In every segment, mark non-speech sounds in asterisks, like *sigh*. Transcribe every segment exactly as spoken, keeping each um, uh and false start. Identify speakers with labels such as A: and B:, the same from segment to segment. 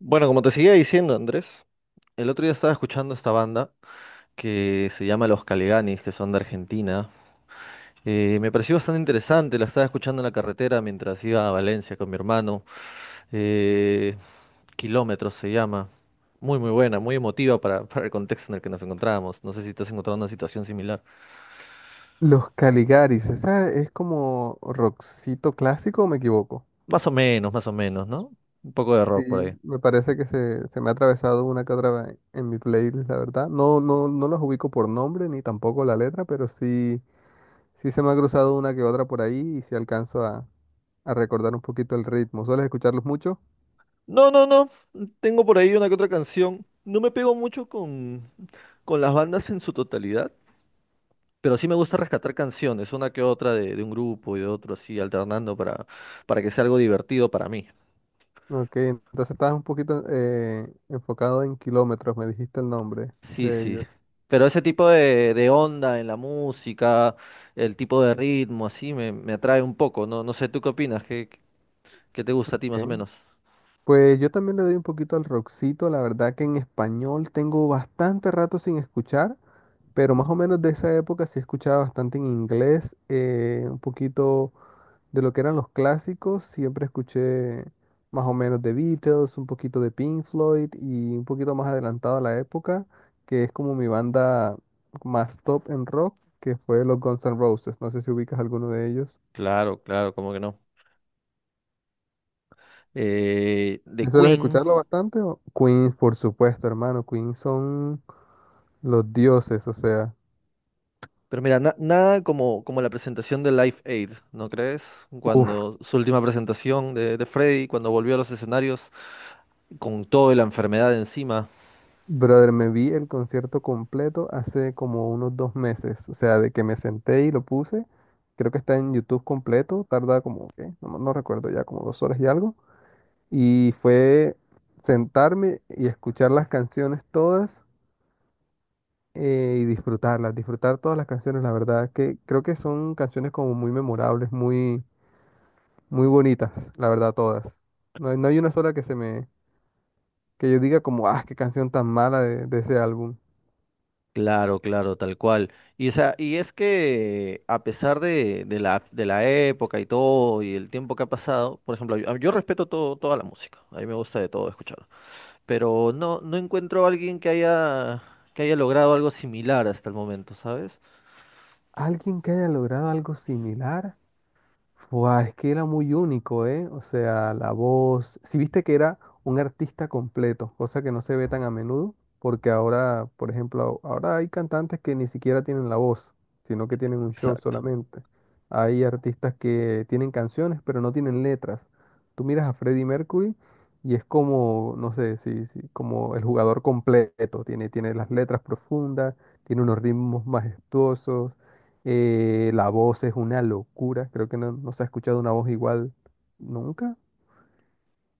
A: Bueno, como te seguía diciendo, Andrés, el otro día estaba escuchando esta banda que se llama Los Caliganis, que son de Argentina. Eh, me pareció bastante interesante, la estaba escuchando en la carretera mientras iba a Valencia con mi hermano. Eh, Kilómetros se llama. Muy, muy buena, muy emotiva para, *laughs* para el contexto en el que nos encontrábamos. No sé si te has encontrado una situación similar.
B: Los Caligaris, ¿esa es como rockcito clásico o me equivoco?
A: Más o menos, más o menos, ¿no? Un poco de rock por ahí.
B: Sí, me parece que se, se me ha atravesado una que otra vez en mi playlist, la verdad. No, no, no los ubico por nombre ni tampoco la letra, pero sí, sí se me ha cruzado una que otra por ahí y sí alcanzo a, a recordar un poquito el ritmo. ¿Sueles escucharlos mucho?
A: No, no, no. Tengo por ahí una que otra canción. No me pego mucho con, con las bandas en su totalidad. Pero sí me gusta rescatar canciones, una que otra de, de un grupo y de otro, así, alternando para, para que sea algo divertido para mí.
B: Ok, entonces estabas un poquito eh, enfocado en kilómetros, me dijiste el nombre
A: Sí,
B: de
A: sí.
B: ellos.
A: Pero ese tipo de, de onda en la música, el tipo de ritmo, así, me, me atrae un poco. No, no sé, ¿tú qué opinas? ¿Qué, ¿qué te gusta a ti más o menos?
B: Pues yo también le doy un poquito al rockcito, la verdad que en español tengo bastante rato sin escuchar, pero más o menos de esa época sí escuchaba bastante en inglés, eh, un poquito de lo que eran los clásicos, siempre escuché más o menos de Beatles, un poquito de Pink Floyd y un poquito más adelantado a la época, que es como mi banda más top en rock, que fue los Guns N' Roses, no sé si ubicas alguno de ellos.
A: Claro, claro, como que no. Eh, de
B: Si sueles
A: Queen,
B: escucharlo bastante, o- Queens, por supuesto, hermano, Queens son... los dioses, o sea,
A: pero mira, na- nada como, como la presentación de Live Aid, ¿no crees?
B: uff,
A: Cuando su última presentación de, de Freddie cuando volvió a los escenarios con toda la enfermedad encima.
B: brother, me vi el concierto completo hace como unos dos meses, o sea, de que me senté y lo puse, creo que está en YouTube completo, tarda como, ¿qué? No, no recuerdo ya, como dos horas y algo, y fue sentarme y escuchar las canciones todas eh, y disfrutarlas, disfrutar todas las canciones, la verdad, que creo que son canciones como muy memorables, muy, muy bonitas, la verdad, todas. No hay, no hay una sola que se me, que yo diga como, ah, qué canción tan mala de, de ese álbum.
A: Claro, claro, tal cual. Y, o sea, y es que a pesar de, de la, de la época y todo y el tiempo que ha pasado, por ejemplo, yo, yo respeto todo, toda la música, a mí me gusta de todo escuchar, pero no, no encuentro a alguien que haya, que haya logrado algo similar hasta el momento, ¿sabes?
B: Alguien que haya logrado algo similar. Fua, es que era muy único, ¿eh? O sea, la voz. Si viste que era un artista completo, cosa que no se ve tan a menudo, porque ahora, por ejemplo, ahora hay cantantes que ni siquiera tienen la voz, sino que tienen un show
A: Exacto.
B: solamente. Hay artistas que tienen canciones, pero no tienen letras. Tú miras a Freddie Mercury y es como, no sé, si, si- como el jugador completo. Tiene, tiene las letras profundas, tiene unos ritmos majestuosos. Eh, la voz es una locura, creo que no, no se ha escuchado una voz igual nunca.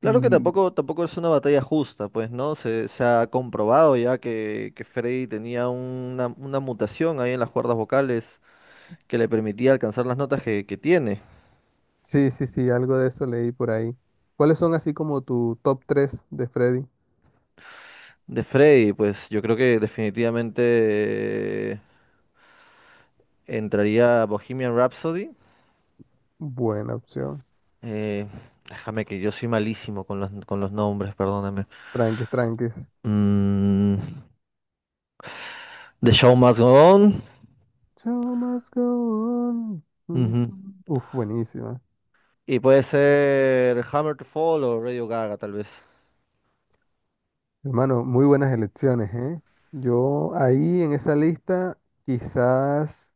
A: Claro que
B: Y
A: tampoco, tampoco es una batalla justa, pues, ¿no? Se, se ha comprobado ya que, que Freddy tenía una, una mutación ahí en las cuerdas vocales que le permitía alcanzar las notas que que tiene.
B: sí, sí, sí, algo de eso leí por ahí. ¿Cuáles son así como tu top tres de Freddy?
A: De Freddy, pues yo creo que definitivamente eh, entraría Bohemian Rhapsody.
B: Buena opción.
A: Eh, Déjame que yo soy malísimo con los, con los nombres, perdóname.
B: Tranques, tranques.
A: Mm, The Show Must Go On.
B: Show must go on. Mm,
A: Ujú.
B: mm. Uf, buenísima.
A: Y puede ser Hammer to Fall o Radio Gaga, tal vez.
B: Hermano, muy buenas elecciones, ¿eh? Yo ahí en esa lista, quizás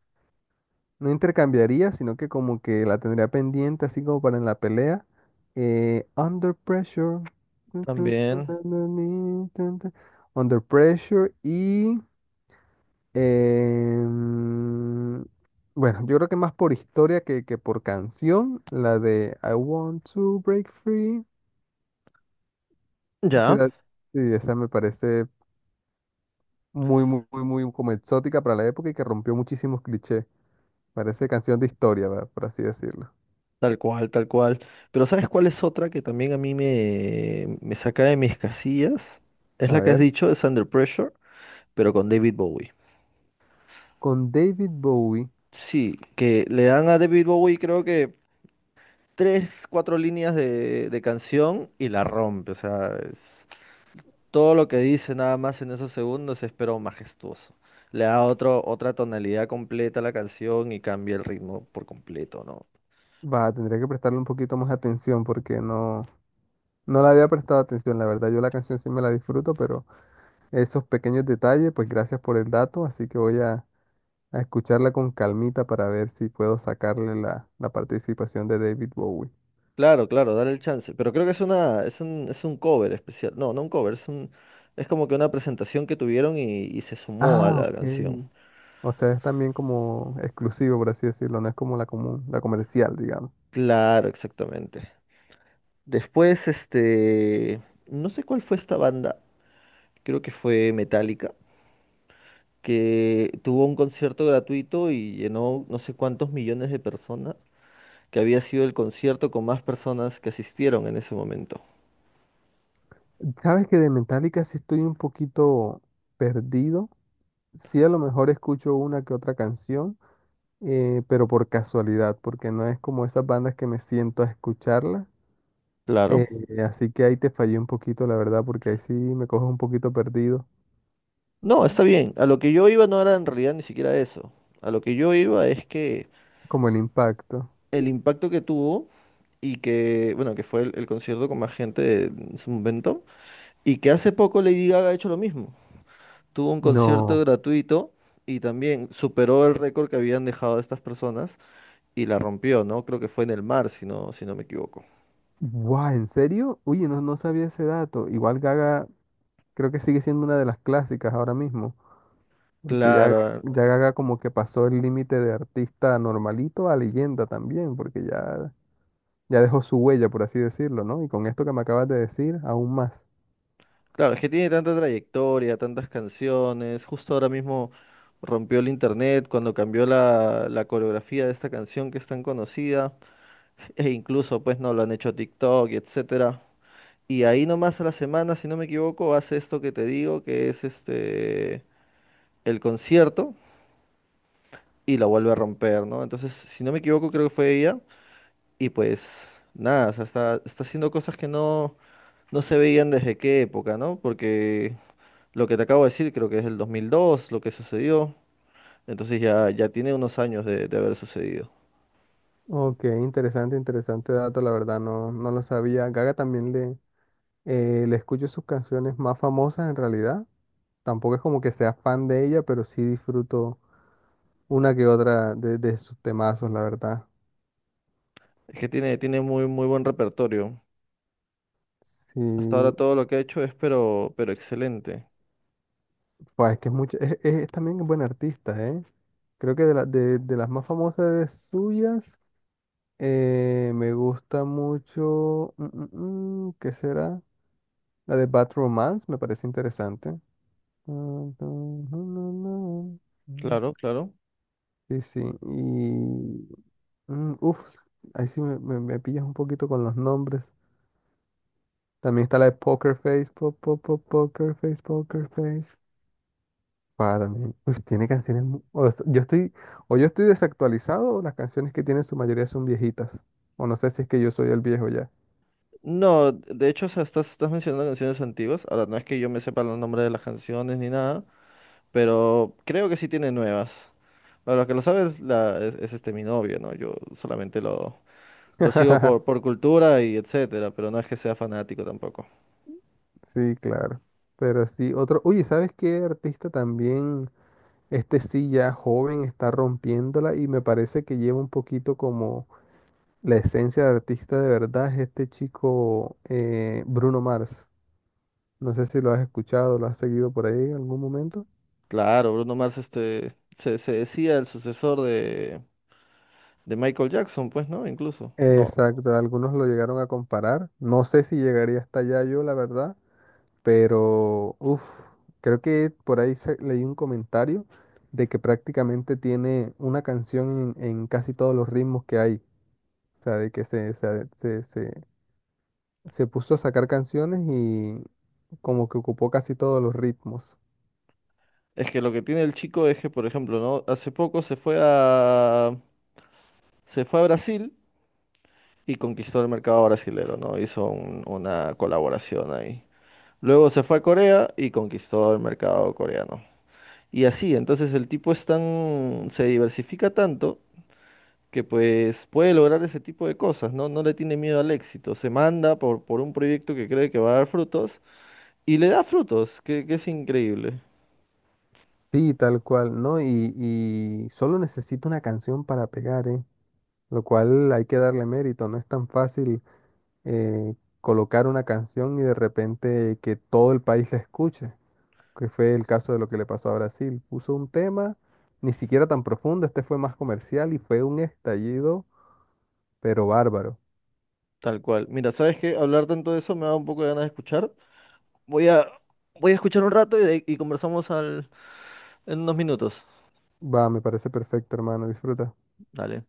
B: no intercambiaría, sino que como que la tendría pendiente, así como para en la pelea. Eh, Under Pressure.
A: También.
B: Under Pressure y... em, bueno, yo creo que más por historia que, que por canción, la de I Want to Break Free. Sí,
A: Ya,
B: la- sí, esa me parece muy, muy, muy, muy como exótica para la época y que rompió muchísimos clichés. Parece canción de historia, va, por así decirlo.
A: tal cual, tal cual. Pero ¿sabes cuál es otra que también a mí me, me saca de mis casillas? Es
B: A
A: la que has
B: ver.
A: dicho, es Under Pressure, pero con David Bowie.
B: Con David Bowie,
A: Sí, que le dan a David Bowie creo que tres, cuatro líneas de, de canción y la rompe. O sea, es- todo lo que dice nada más en esos segundos es pero majestuoso. Le da otro, otra tonalidad completa a la canción y cambia el ritmo por completo, ¿no?
B: va, tendría que prestarle un poquito más atención porque no, no le había prestado atención, la verdad. Yo la canción sí me la disfruto, pero esos pequeños detalles, pues gracias por el dato, así que voy a, a escucharla con calmita para ver si puedo sacarle la, la participación de David Bowie.
A: Claro, claro, dale el chance. Pero creo que es una, es un, es un cover especial. No, no un cover, es un, es como que una presentación que tuvieron y, y se sumó a
B: Ah,
A: la
B: ok.
A: canción.
B: O sea, es también como exclusivo, por así decirlo, no es como la común, la comercial, digamos.
A: Claro, exactamente. Después, este, no sé cuál fue esta banda. Creo que fue Metallica, que tuvo un concierto gratuito y llenó no sé cuántos millones de personas, que había sido el concierto con más personas que asistieron en ese momento.
B: Sabes que de Metallica sí estoy un poquito perdido. Sí, a lo mejor escucho una que otra canción. Eh, pero por casualidad, porque no es como esas bandas que me siento a escucharlas. eh,
A: Claro.
B: Así que ahí te fallé un poquito, la verdad, porque ahí sí me coges un poquito perdido,
A: No, está bien. A lo que yo iba no era en realidad ni siquiera eso. A lo que yo iba es que
B: como el impacto.
A: el impacto que tuvo y que, bueno, que fue el, el concierto con más gente de- en su momento y que hace poco Lady Gaga ha hecho lo mismo. Tuvo un concierto
B: No.
A: gratuito y también superó el récord que habían dejado estas personas y la rompió, ¿no? Creo que fue en el mar, si no, si no me equivoco.
B: Guau, ¿en serio? Uy, no, no sabía ese dato. Igual Gaga creo que sigue siendo una de las clásicas ahora mismo, porque ya, Ga-
A: Claro,
B: ya Gaga como que pasó el límite de artista normalito a leyenda también, porque ya, ya dejó su huella, por así decirlo, ¿no? Y con esto que me acabas de decir, aún más.
A: claro, es que tiene tanta trayectoria, tantas canciones. Justo ahora mismo rompió el internet cuando cambió la, la coreografía de esta canción que es tan conocida. *laughs* E incluso, pues, no lo han hecho TikTok, y etcétera. Y ahí nomás a la semana, si no me equivoco, hace esto que te digo, que es este el concierto y la vuelve a romper, ¿no? Entonces, si no me equivoco, creo que fue ella. Y pues nada, o sea, está, está haciendo cosas que no. no se veían desde qué época, ¿no? Porque lo que te acabo de decir creo que es el dos mil dos lo que sucedió, entonces ya, ya tiene unos años de, de haber sucedido.
B: Ok, interesante, interesante dato, la verdad, no, no lo sabía. Gaga también le, eh, le escucho sus canciones más famosas en realidad. Tampoco es como que sea fan de ella, pero sí disfruto una que otra de, de sus temazos, la verdad.
A: Es que tiene, tiene muy, muy buen repertorio.
B: Sí,
A: Hasta ahora todo lo que ha hecho es pero, pero excelente.
B: pues es que es mucho, es, es- es también buena artista, ¿eh? Creo que de, la- de, de las más famosas de suyas, eh, me gusta mucho, mm, mm, mm, ¿qué será? La de Bad Romance, me parece interesante.
A: Claro, claro.
B: Sí, sí. Y. mm, uf, ahí sí me, me- me pillas un poquito con los nombres. También está la de Poker Face. po- po- po- poker Face, Poker Face. Ah, también. Pues tiene canciones. mu- o sea, yo estoy, o yo estoy desactualizado, o las canciones que tienen su mayoría son viejitas. O no sé si es que yo soy el viejo ya.
A: No, de hecho, o sea, estás, estás mencionando canciones antiguas. Ahora, no es que yo me sepa los nombres de las canciones ni nada, pero creo que sí tiene nuevas. Para los que lo sabes, la, es, es este mi novio, ¿no? Yo solamente lo, lo sigo por,
B: *laughs*
A: por cultura y etcétera, pero no es que sea fanático tampoco.
B: Sí, claro. Pero sí, otro. Oye, ¿sabes qué artista también? Este sí ya joven está rompiéndola y me parece que lleva un poquito como la esencia de artista de verdad es este chico eh, Bruno Mars. No sé si lo has escuchado, lo has seguido por ahí en algún momento.
A: Claro, Bruno Mars este, se, se decía el sucesor de, de Michael Jackson, pues, ¿no? Incluso. No,
B: Exacto, algunos lo llegaron a comparar. No sé si llegaría hasta allá yo, la verdad, pero uff, creo que por ahí se- leí un comentario de que prácticamente tiene una canción en, en casi todos los ritmos que hay. O sea, de que se, se, se, se se puso a sacar canciones y como que ocupó casi todos los ritmos.
A: es que lo que tiene el chico es que, por ejemplo, ¿no? Hace poco se fue a, se fue a Brasil y conquistó el mercado brasilero, ¿no? Hizo un- una colaboración ahí. Luego se fue a Corea y conquistó el mercado coreano. Y así, entonces el tipo es tan, se diversifica tanto que pues puede lograr ese tipo de cosas, ¿no? No le tiene miedo al éxito, se manda por, por un proyecto que cree que va a dar frutos y le da frutos, que, que es increíble,
B: Sí, tal cual, ¿no? Y, y solo necesita una canción para pegar, ¿eh? Lo cual hay que darle mérito, no es tan fácil eh, colocar una canción y de repente que todo el país la escuche, que fue el caso de lo que le pasó a Brasil. Puso un tema, ni siquiera tan profundo, este fue más comercial y fue un estallido, pero bárbaro.
A: tal cual. Mira, ¿sabes qué? Hablar tanto de eso me da un poco de ganas de escuchar. Voy a, voy a escuchar un rato y, de- y conversamos al, en unos minutos.
B: Va, me parece perfecto, hermano, disfruta.
A: Dale.